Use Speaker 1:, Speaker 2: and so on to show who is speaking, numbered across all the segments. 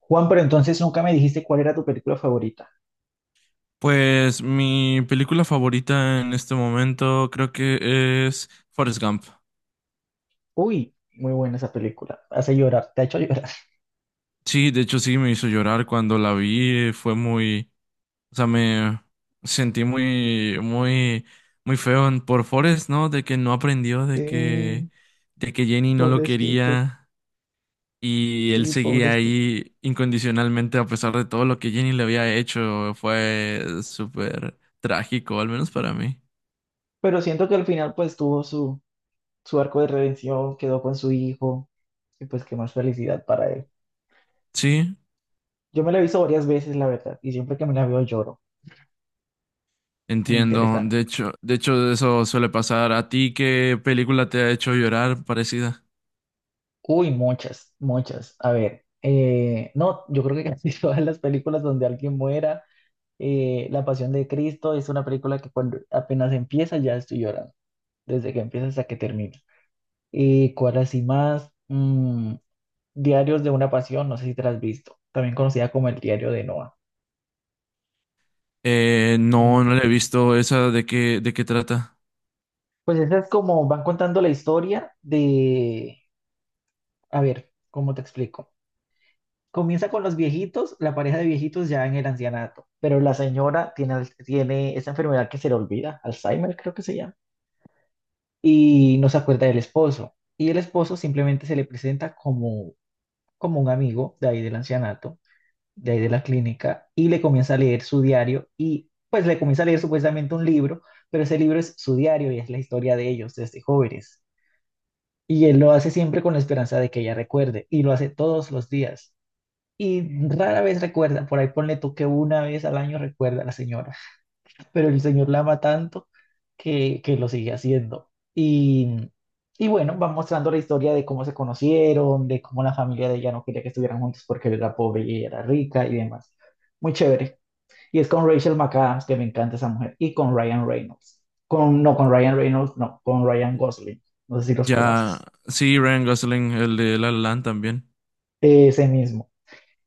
Speaker 1: Juan, pero entonces nunca me dijiste cuál era tu película favorita.
Speaker 2: Pues mi película favorita en este momento creo que es Forrest Gump.
Speaker 1: Uy, muy buena esa película. Hace llorar, te ha hecho llorar.
Speaker 2: Sí, de hecho sí me hizo llorar cuando la vi, fue muy, o sea, me sentí muy, muy, muy feo por Forrest, ¿no? De que no aprendió, de que,
Speaker 1: Sí,
Speaker 2: de que Jenny no lo
Speaker 1: pobrecito,
Speaker 2: quería y él
Speaker 1: sí,
Speaker 2: seguía
Speaker 1: pobrecito.
Speaker 2: ahí incondicionalmente a pesar de todo lo que Jenny le había hecho, fue súper trágico, al menos para mí.
Speaker 1: Pero siento que al final pues tuvo su arco de redención, quedó con su hijo y pues qué más felicidad para él.
Speaker 2: Sí.
Speaker 1: Yo me la he visto varias veces, la verdad, y siempre que me la veo lloro. Muy
Speaker 2: Entiendo.
Speaker 1: interesante.
Speaker 2: De hecho, eso suele pasar. ¿A ti qué película te ha hecho llorar parecida?
Speaker 1: Uy, muchas, muchas. A ver, no, yo creo que casi todas las películas donde alguien muera. La Pasión de Cristo es una película que cuando apenas empieza ya estoy llorando, desde que empieza hasta que termina. ¿Cuál así más? Diarios de una Pasión, no sé si te la has visto, también conocida como El Diario de Noah.
Speaker 2: No, no
Speaker 1: Mm,
Speaker 2: la he visto. ¿Esa de qué trata?
Speaker 1: Pues esa es como van contando la historia de, a ver, ¿cómo te explico? Comienza con los viejitos, la pareja de viejitos ya en el ancianato, pero la señora tiene esa enfermedad que se le olvida, Alzheimer creo que se llama y no se acuerda del esposo. Y el esposo simplemente se le presenta como, como un amigo de ahí del ancianato, de ahí de la clínica, y le comienza a leer su diario y pues le comienza a leer supuestamente un libro, pero ese libro es su diario y es la historia de ellos desde jóvenes. Y él lo hace siempre con la esperanza de que ella recuerde y lo hace todos los días. Y rara vez recuerda, por ahí ponle tú que una vez al año recuerda a la señora, pero el Señor la ama tanto que lo sigue haciendo. Y, y bueno, va mostrando la historia de cómo se conocieron, de cómo la familia de ella no quería que estuvieran juntos porque él era pobre y ella era rica y demás. Muy chévere. Y es con Rachel McAdams, que me encanta esa mujer, y con Ryan Reynolds. Con, no, con Ryan Reynolds, no, con Ryan Gosling. No sé si los
Speaker 2: Ya,
Speaker 1: conoces.
Speaker 2: sí, Ryan Gosling, el de La La Land también.
Speaker 1: Ese mismo.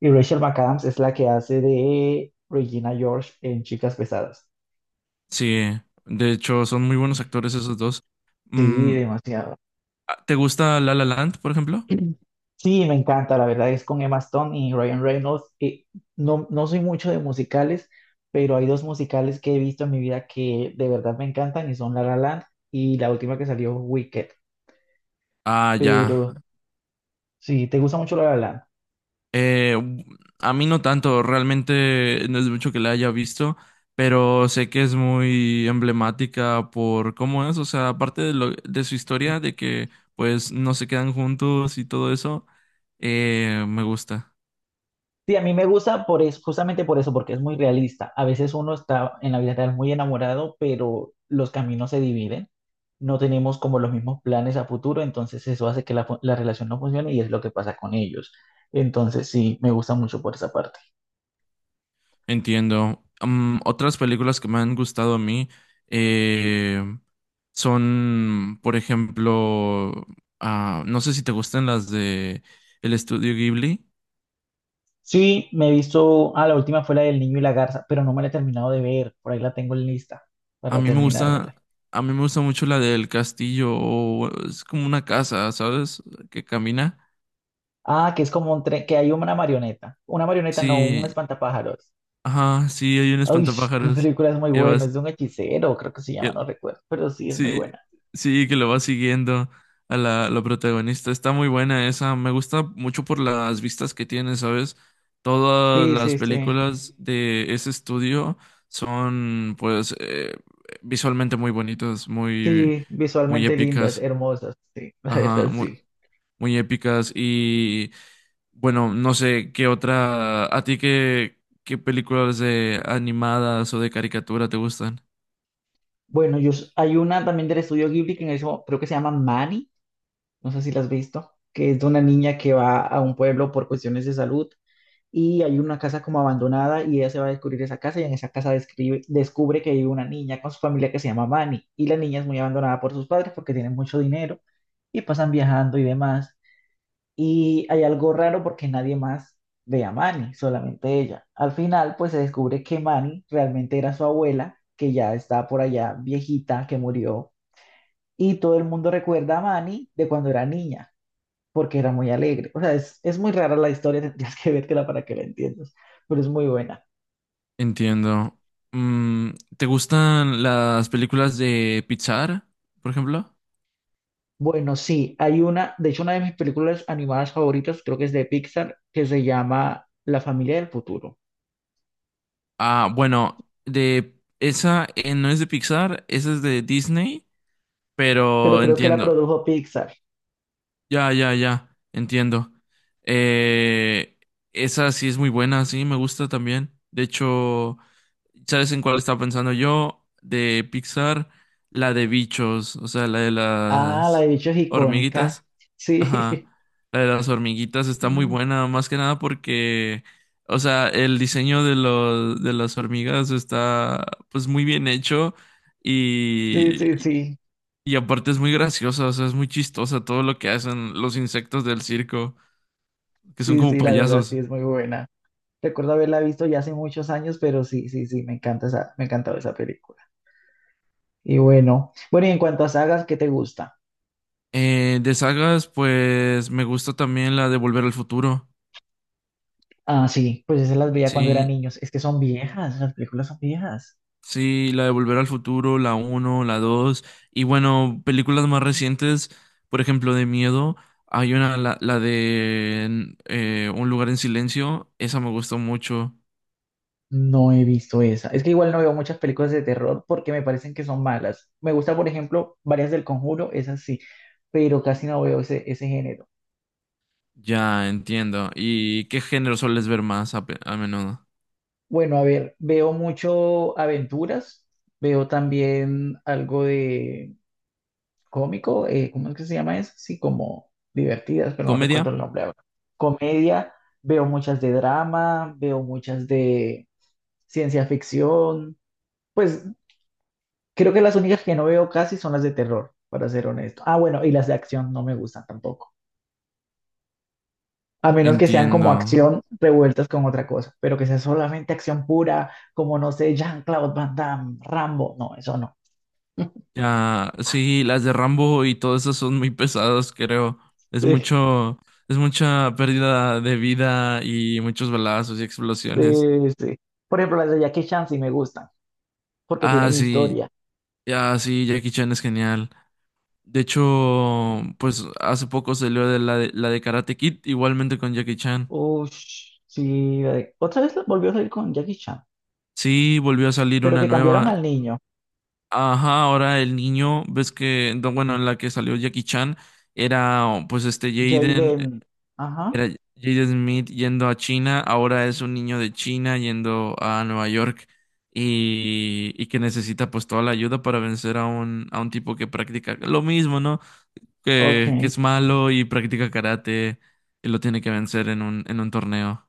Speaker 1: Y Rachel McAdams es la que hace de Regina George en Chicas Pesadas.
Speaker 2: Sí, de hecho, son muy buenos actores esos dos.
Speaker 1: Sí,
Speaker 2: Mm,
Speaker 1: demasiado.
Speaker 2: ¿te gusta La La Land, por ejemplo?
Speaker 1: Sí, me encanta, la verdad es con Emma Stone y Ryan Reynolds. No, no soy mucho de musicales, pero hay dos musicales que he visto en mi vida que de verdad me encantan y son La La Land y la última que salió, Wicked.
Speaker 2: Ah, ya.
Speaker 1: Pero sí, ¿te gusta mucho La La Land?
Speaker 2: Eh, a mí no tanto, realmente no es mucho que la haya visto, pero sé que es muy emblemática por cómo es, o sea, aparte de su historia, de que pues no se quedan juntos y todo eso, me gusta.
Speaker 1: Sí, a mí me gusta justamente por eso, porque es muy realista. A veces uno está en la vida real muy enamorado, pero los caminos se dividen. No tenemos como los mismos planes a futuro, entonces eso hace que la relación no funcione y es lo que pasa con ellos. Entonces sí, me gusta mucho por esa parte.
Speaker 2: Entiendo. Mm, otras películas que me han gustado a mí eh, son, por ejemplo, ah, no sé si te gustan las de el estudio Ghibli.
Speaker 1: Sí, me he visto, la última fue la del niño y la garza, pero no me la he terminado de ver, por ahí la tengo en lista
Speaker 2: A
Speaker 1: para
Speaker 2: mí me
Speaker 1: terminármela.
Speaker 2: gusta, a mí me gusta mucho la del castillo, o es como una casa, ¿sabes? Que camina.
Speaker 1: Ah, que es como un tren, que hay una marioneta, no, un
Speaker 2: Sí,
Speaker 1: espantapájaros.
Speaker 2: ajá, sí, hay un
Speaker 1: Ay, la
Speaker 2: espantapájaros
Speaker 1: película es muy
Speaker 2: que
Speaker 1: buena, es de un hechicero, creo que se llama, no
Speaker 2: que-
Speaker 1: recuerdo, pero sí es muy
Speaker 2: sí,
Speaker 1: buena.
Speaker 2: sí, que lo va siguiendo a la protagonista. Está muy buena esa, me gusta mucho por las vistas que tiene, ¿sabes? Todas
Speaker 1: Sí,
Speaker 2: las
Speaker 1: sí, sí.
Speaker 2: películas de ese estudio son, pues, visualmente muy bonitas, muy,
Speaker 1: Sí,
Speaker 2: muy
Speaker 1: visualmente lindas,
Speaker 2: épicas.
Speaker 1: hermosas, sí, la
Speaker 2: Ajá,
Speaker 1: verdad,
Speaker 2: muy.
Speaker 1: sí.
Speaker 2: Muy épicas y bueno, no sé qué otra, a ti qué películas de animadas o de caricatura te gustan.
Speaker 1: Bueno, hay una también del estudio Ghibli que creo que se llama Manny, no sé si la has visto, que es de una niña que va a un pueblo por cuestiones de salud y hay una casa como abandonada y ella se va a descubrir esa casa y en esa casa descubre que hay una niña con su familia que se llama Manny y la niña es muy abandonada por sus padres porque tienen mucho dinero y pasan viajando y demás. Y hay algo raro porque nadie más ve a Manny, solamente ella. Al final, pues se descubre que Manny realmente era su abuela, que ya está por allá viejita, que murió. Y todo el mundo recuerda a Manny de cuando era niña, porque era muy alegre. O sea, es muy rara la historia, tendrías que vértela para que la entiendas, pero es muy buena.
Speaker 2: Entiendo. Mm, ¿te gustan las películas de Pixar, por ejemplo?
Speaker 1: Bueno, sí, hay una, de hecho, una de mis películas animadas favoritas, creo que es de Pixar, que se llama La familia del futuro,
Speaker 2: Ah, bueno, de esa no es de Pixar, esa es de Disney,
Speaker 1: pero
Speaker 2: pero
Speaker 1: creo que la
Speaker 2: entiendo.
Speaker 1: produjo Pixar.
Speaker 2: Ya, entiendo. Eh, Esa sí es muy buena, sí, me gusta también. De hecho, ¿sabes en cuál estaba pensando yo? De Pixar, la de bichos, o sea, la de
Speaker 1: Ah, la de
Speaker 2: las
Speaker 1: bicho es icónica.
Speaker 2: hormiguitas.
Speaker 1: Sí,
Speaker 2: Ajá. La de las hormiguitas está muy
Speaker 1: Mm,
Speaker 2: buena, más que nada porque, o sea, el diseño de de las hormigas está pues muy bien hecho
Speaker 1: sí, sí,
Speaker 2: y,
Speaker 1: sí,
Speaker 2: y aparte es muy graciosa, o sea, es muy chistosa todo lo que hacen los insectos del circo, que son
Speaker 1: sí,
Speaker 2: como
Speaker 1: sí, la verdad sí
Speaker 2: payasos.
Speaker 1: es muy buena. Recuerdo haberla visto ya hace muchos años, pero sí, sí, sí, me encanta esa, me encantaba esa película. Y bueno, bueno, y en cuanto a sagas, ¿qué te gusta?
Speaker 2: De sagas, pues me gusta también la de Volver al Futuro.
Speaker 1: Ah, sí, pues esas las veía cuando eran
Speaker 2: Sí,
Speaker 1: niños. Es que son viejas, las películas son viejas.
Speaker 2: sí, la de Volver al Futuro, la uno la 2 y bueno, películas más recientes, por ejemplo, de miedo, hay una, la de Un lugar en silencio, esa me gustó mucho,
Speaker 1: No he visto esa. Es que igual no veo muchas películas de terror porque me parecen que son malas. Me gusta, por ejemplo, varias del Conjuro, esas sí, pero casi no veo ese género.
Speaker 2: ya entiendo. ¿Y qué género sueles ver más a menudo?
Speaker 1: Bueno, a ver, veo mucho aventuras, veo también algo de cómico, ¿cómo es que se llama eso? Sí, como divertidas, pero no
Speaker 2: ¿Comedia?
Speaker 1: recuerdo el nombre ahora. Comedia, veo muchas de drama, veo muchas de ciencia ficción. Pues creo que las únicas que no veo casi son las de terror, para ser honesto. Ah, bueno, y las de acción no me gustan tampoco. A menos que sean como
Speaker 2: Entiendo.
Speaker 1: acción revueltas con otra cosa, pero que sea solamente acción pura, como no sé, Jean-Claude Van Damme, Rambo, no, eso no.
Speaker 2: Ya, sí, las de Rambo y todas esas son muy pesadas, creo. Es
Speaker 1: Sí,
Speaker 2: mucho, es mucha pérdida de vida y muchos balazos y
Speaker 1: sí,
Speaker 2: explosiones.
Speaker 1: sí. Por ejemplo, las de Jackie Chan sí me gustan, porque
Speaker 2: Ah,
Speaker 1: tienen
Speaker 2: sí,
Speaker 1: historia.
Speaker 2: ya, sí, Jackie Chan es genial. De hecho, pues hace poco salió la de Karate Kid, igualmente con Jackie Chan.
Speaker 1: Ush, sí. Otra vez volvió a salir con Jackie Chan,
Speaker 2: Sí, volvió a salir
Speaker 1: pero
Speaker 2: una
Speaker 1: que cambiaron
Speaker 2: nueva.
Speaker 1: al niño,
Speaker 2: Ajá, ahora el niño, ves que, no, bueno, en la que salió Jackie Chan era oh, pues este Jaden,
Speaker 1: Jaden. Ajá,
Speaker 2: era Jaden Smith yendo a China, ahora es un niño de China yendo a Nueva York y que necesita pues toda la ayuda para vencer a a un tipo que practica lo mismo, ¿no?
Speaker 1: ok.
Speaker 2: Que es malo y practica karate y lo tiene que vencer en en un torneo.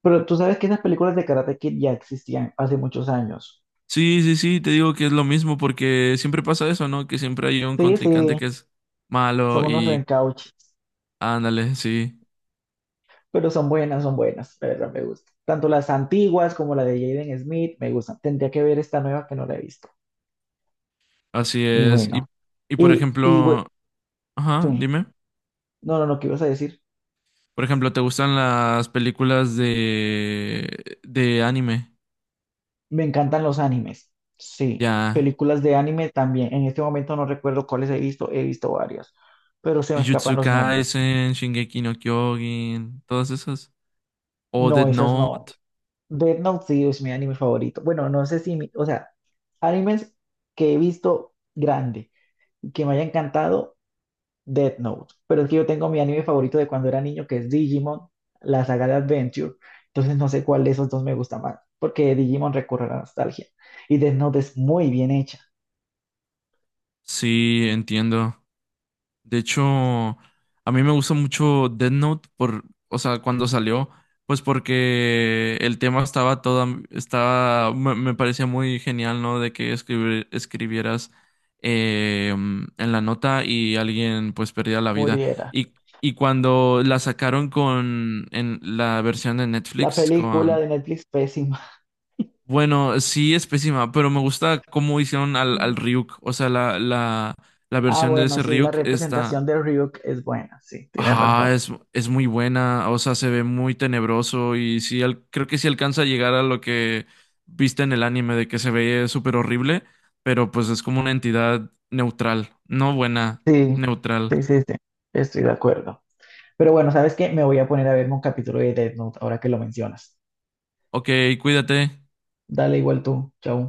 Speaker 1: Pero tú sabes que esas películas de Karate Kid ya existían hace muchos años.
Speaker 2: Sí, sí, sí, te digo que es lo mismo porque siempre pasa eso, ¿no? Que siempre hay un
Speaker 1: Sí,
Speaker 2: contrincante
Speaker 1: sí,
Speaker 2: que es
Speaker 1: son
Speaker 2: malo
Speaker 1: unos
Speaker 2: y
Speaker 1: reencauches,
Speaker 2: ándale, sí,
Speaker 1: pero son buenas, la verdad me gusta. Tanto las antiguas como la de Jaden Smith me gustan. Tendría que ver esta nueva que no la he visto.
Speaker 2: así
Speaker 1: Y
Speaker 2: es.
Speaker 1: bueno,
Speaker 2: Y por
Speaker 1: y
Speaker 2: ejemplo, ajá,
Speaker 1: bueno,
Speaker 2: dime.
Speaker 1: no, no, no, ¿qué ibas a decir?
Speaker 2: Por ejemplo, ¿te gustan las películas de anime?
Speaker 1: Me encantan los animes. Sí,
Speaker 2: Ya,
Speaker 1: películas de anime también. En este momento no recuerdo cuáles he visto varias, pero se me
Speaker 2: Jujutsu
Speaker 1: escapan los nombres.
Speaker 2: Kaisen, Shingeki no Kyojin, todas esas. O
Speaker 1: No,
Speaker 2: Death
Speaker 1: esas no.
Speaker 2: Note.
Speaker 1: Death Note sí es mi anime favorito. Bueno, no sé si, mi- o sea, animes que he visto grande y que me haya encantado, Death Note. Pero es que yo tengo mi anime favorito de cuando era niño, que es Digimon, la saga de Adventure. Entonces no sé cuál de esos dos me gusta más, porque Digimon recurre a la nostalgia y Death Note es muy bien hecha.
Speaker 2: Sí, entiendo. De hecho, a mí me gusta mucho Death Note por, o sea, cuando salió, pues porque el tema estaba toda, estaba, me parecía muy genial, ¿no? De que escribieras en la nota y alguien pues perdía la vida.
Speaker 1: Muriera.
Speaker 2: Y, y cuando la sacaron con, en la versión de
Speaker 1: La
Speaker 2: Netflix
Speaker 1: película
Speaker 2: con,
Speaker 1: de Netflix pésima.
Speaker 2: bueno, sí es pésima, pero me gusta cómo hicieron
Speaker 1: Mm.
Speaker 2: al Ryuk, o sea, la
Speaker 1: Ah,
Speaker 2: versión de
Speaker 1: bueno,
Speaker 2: ese
Speaker 1: sí, la
Speaker 2: Ryuk
Speaker 1: representación
Speaker 2: está...
Speaker 1: de Ryuk es buena, sí, tienes razón.
Speaker 2: Ajá, es muy buena, o sea, se ve muy tenebroso y sí, creo que sí alcanza a llegar a lo que viste en el anime de que se ve súper horrible, pero pues es como una entidad neutral, no buena,
Speaker 1: Sí,
Speaker 2: neutral.
Speaker 1: sí, sí, sí, estoy de acuerdo. Pero bueno, ¿sabes qué? Me voy a poner a verme un capítulo de Death Note ahora que lo mencionas.
Speaker 2: Ok, cuídate.
Speaker 1: Dale igual tú, chao.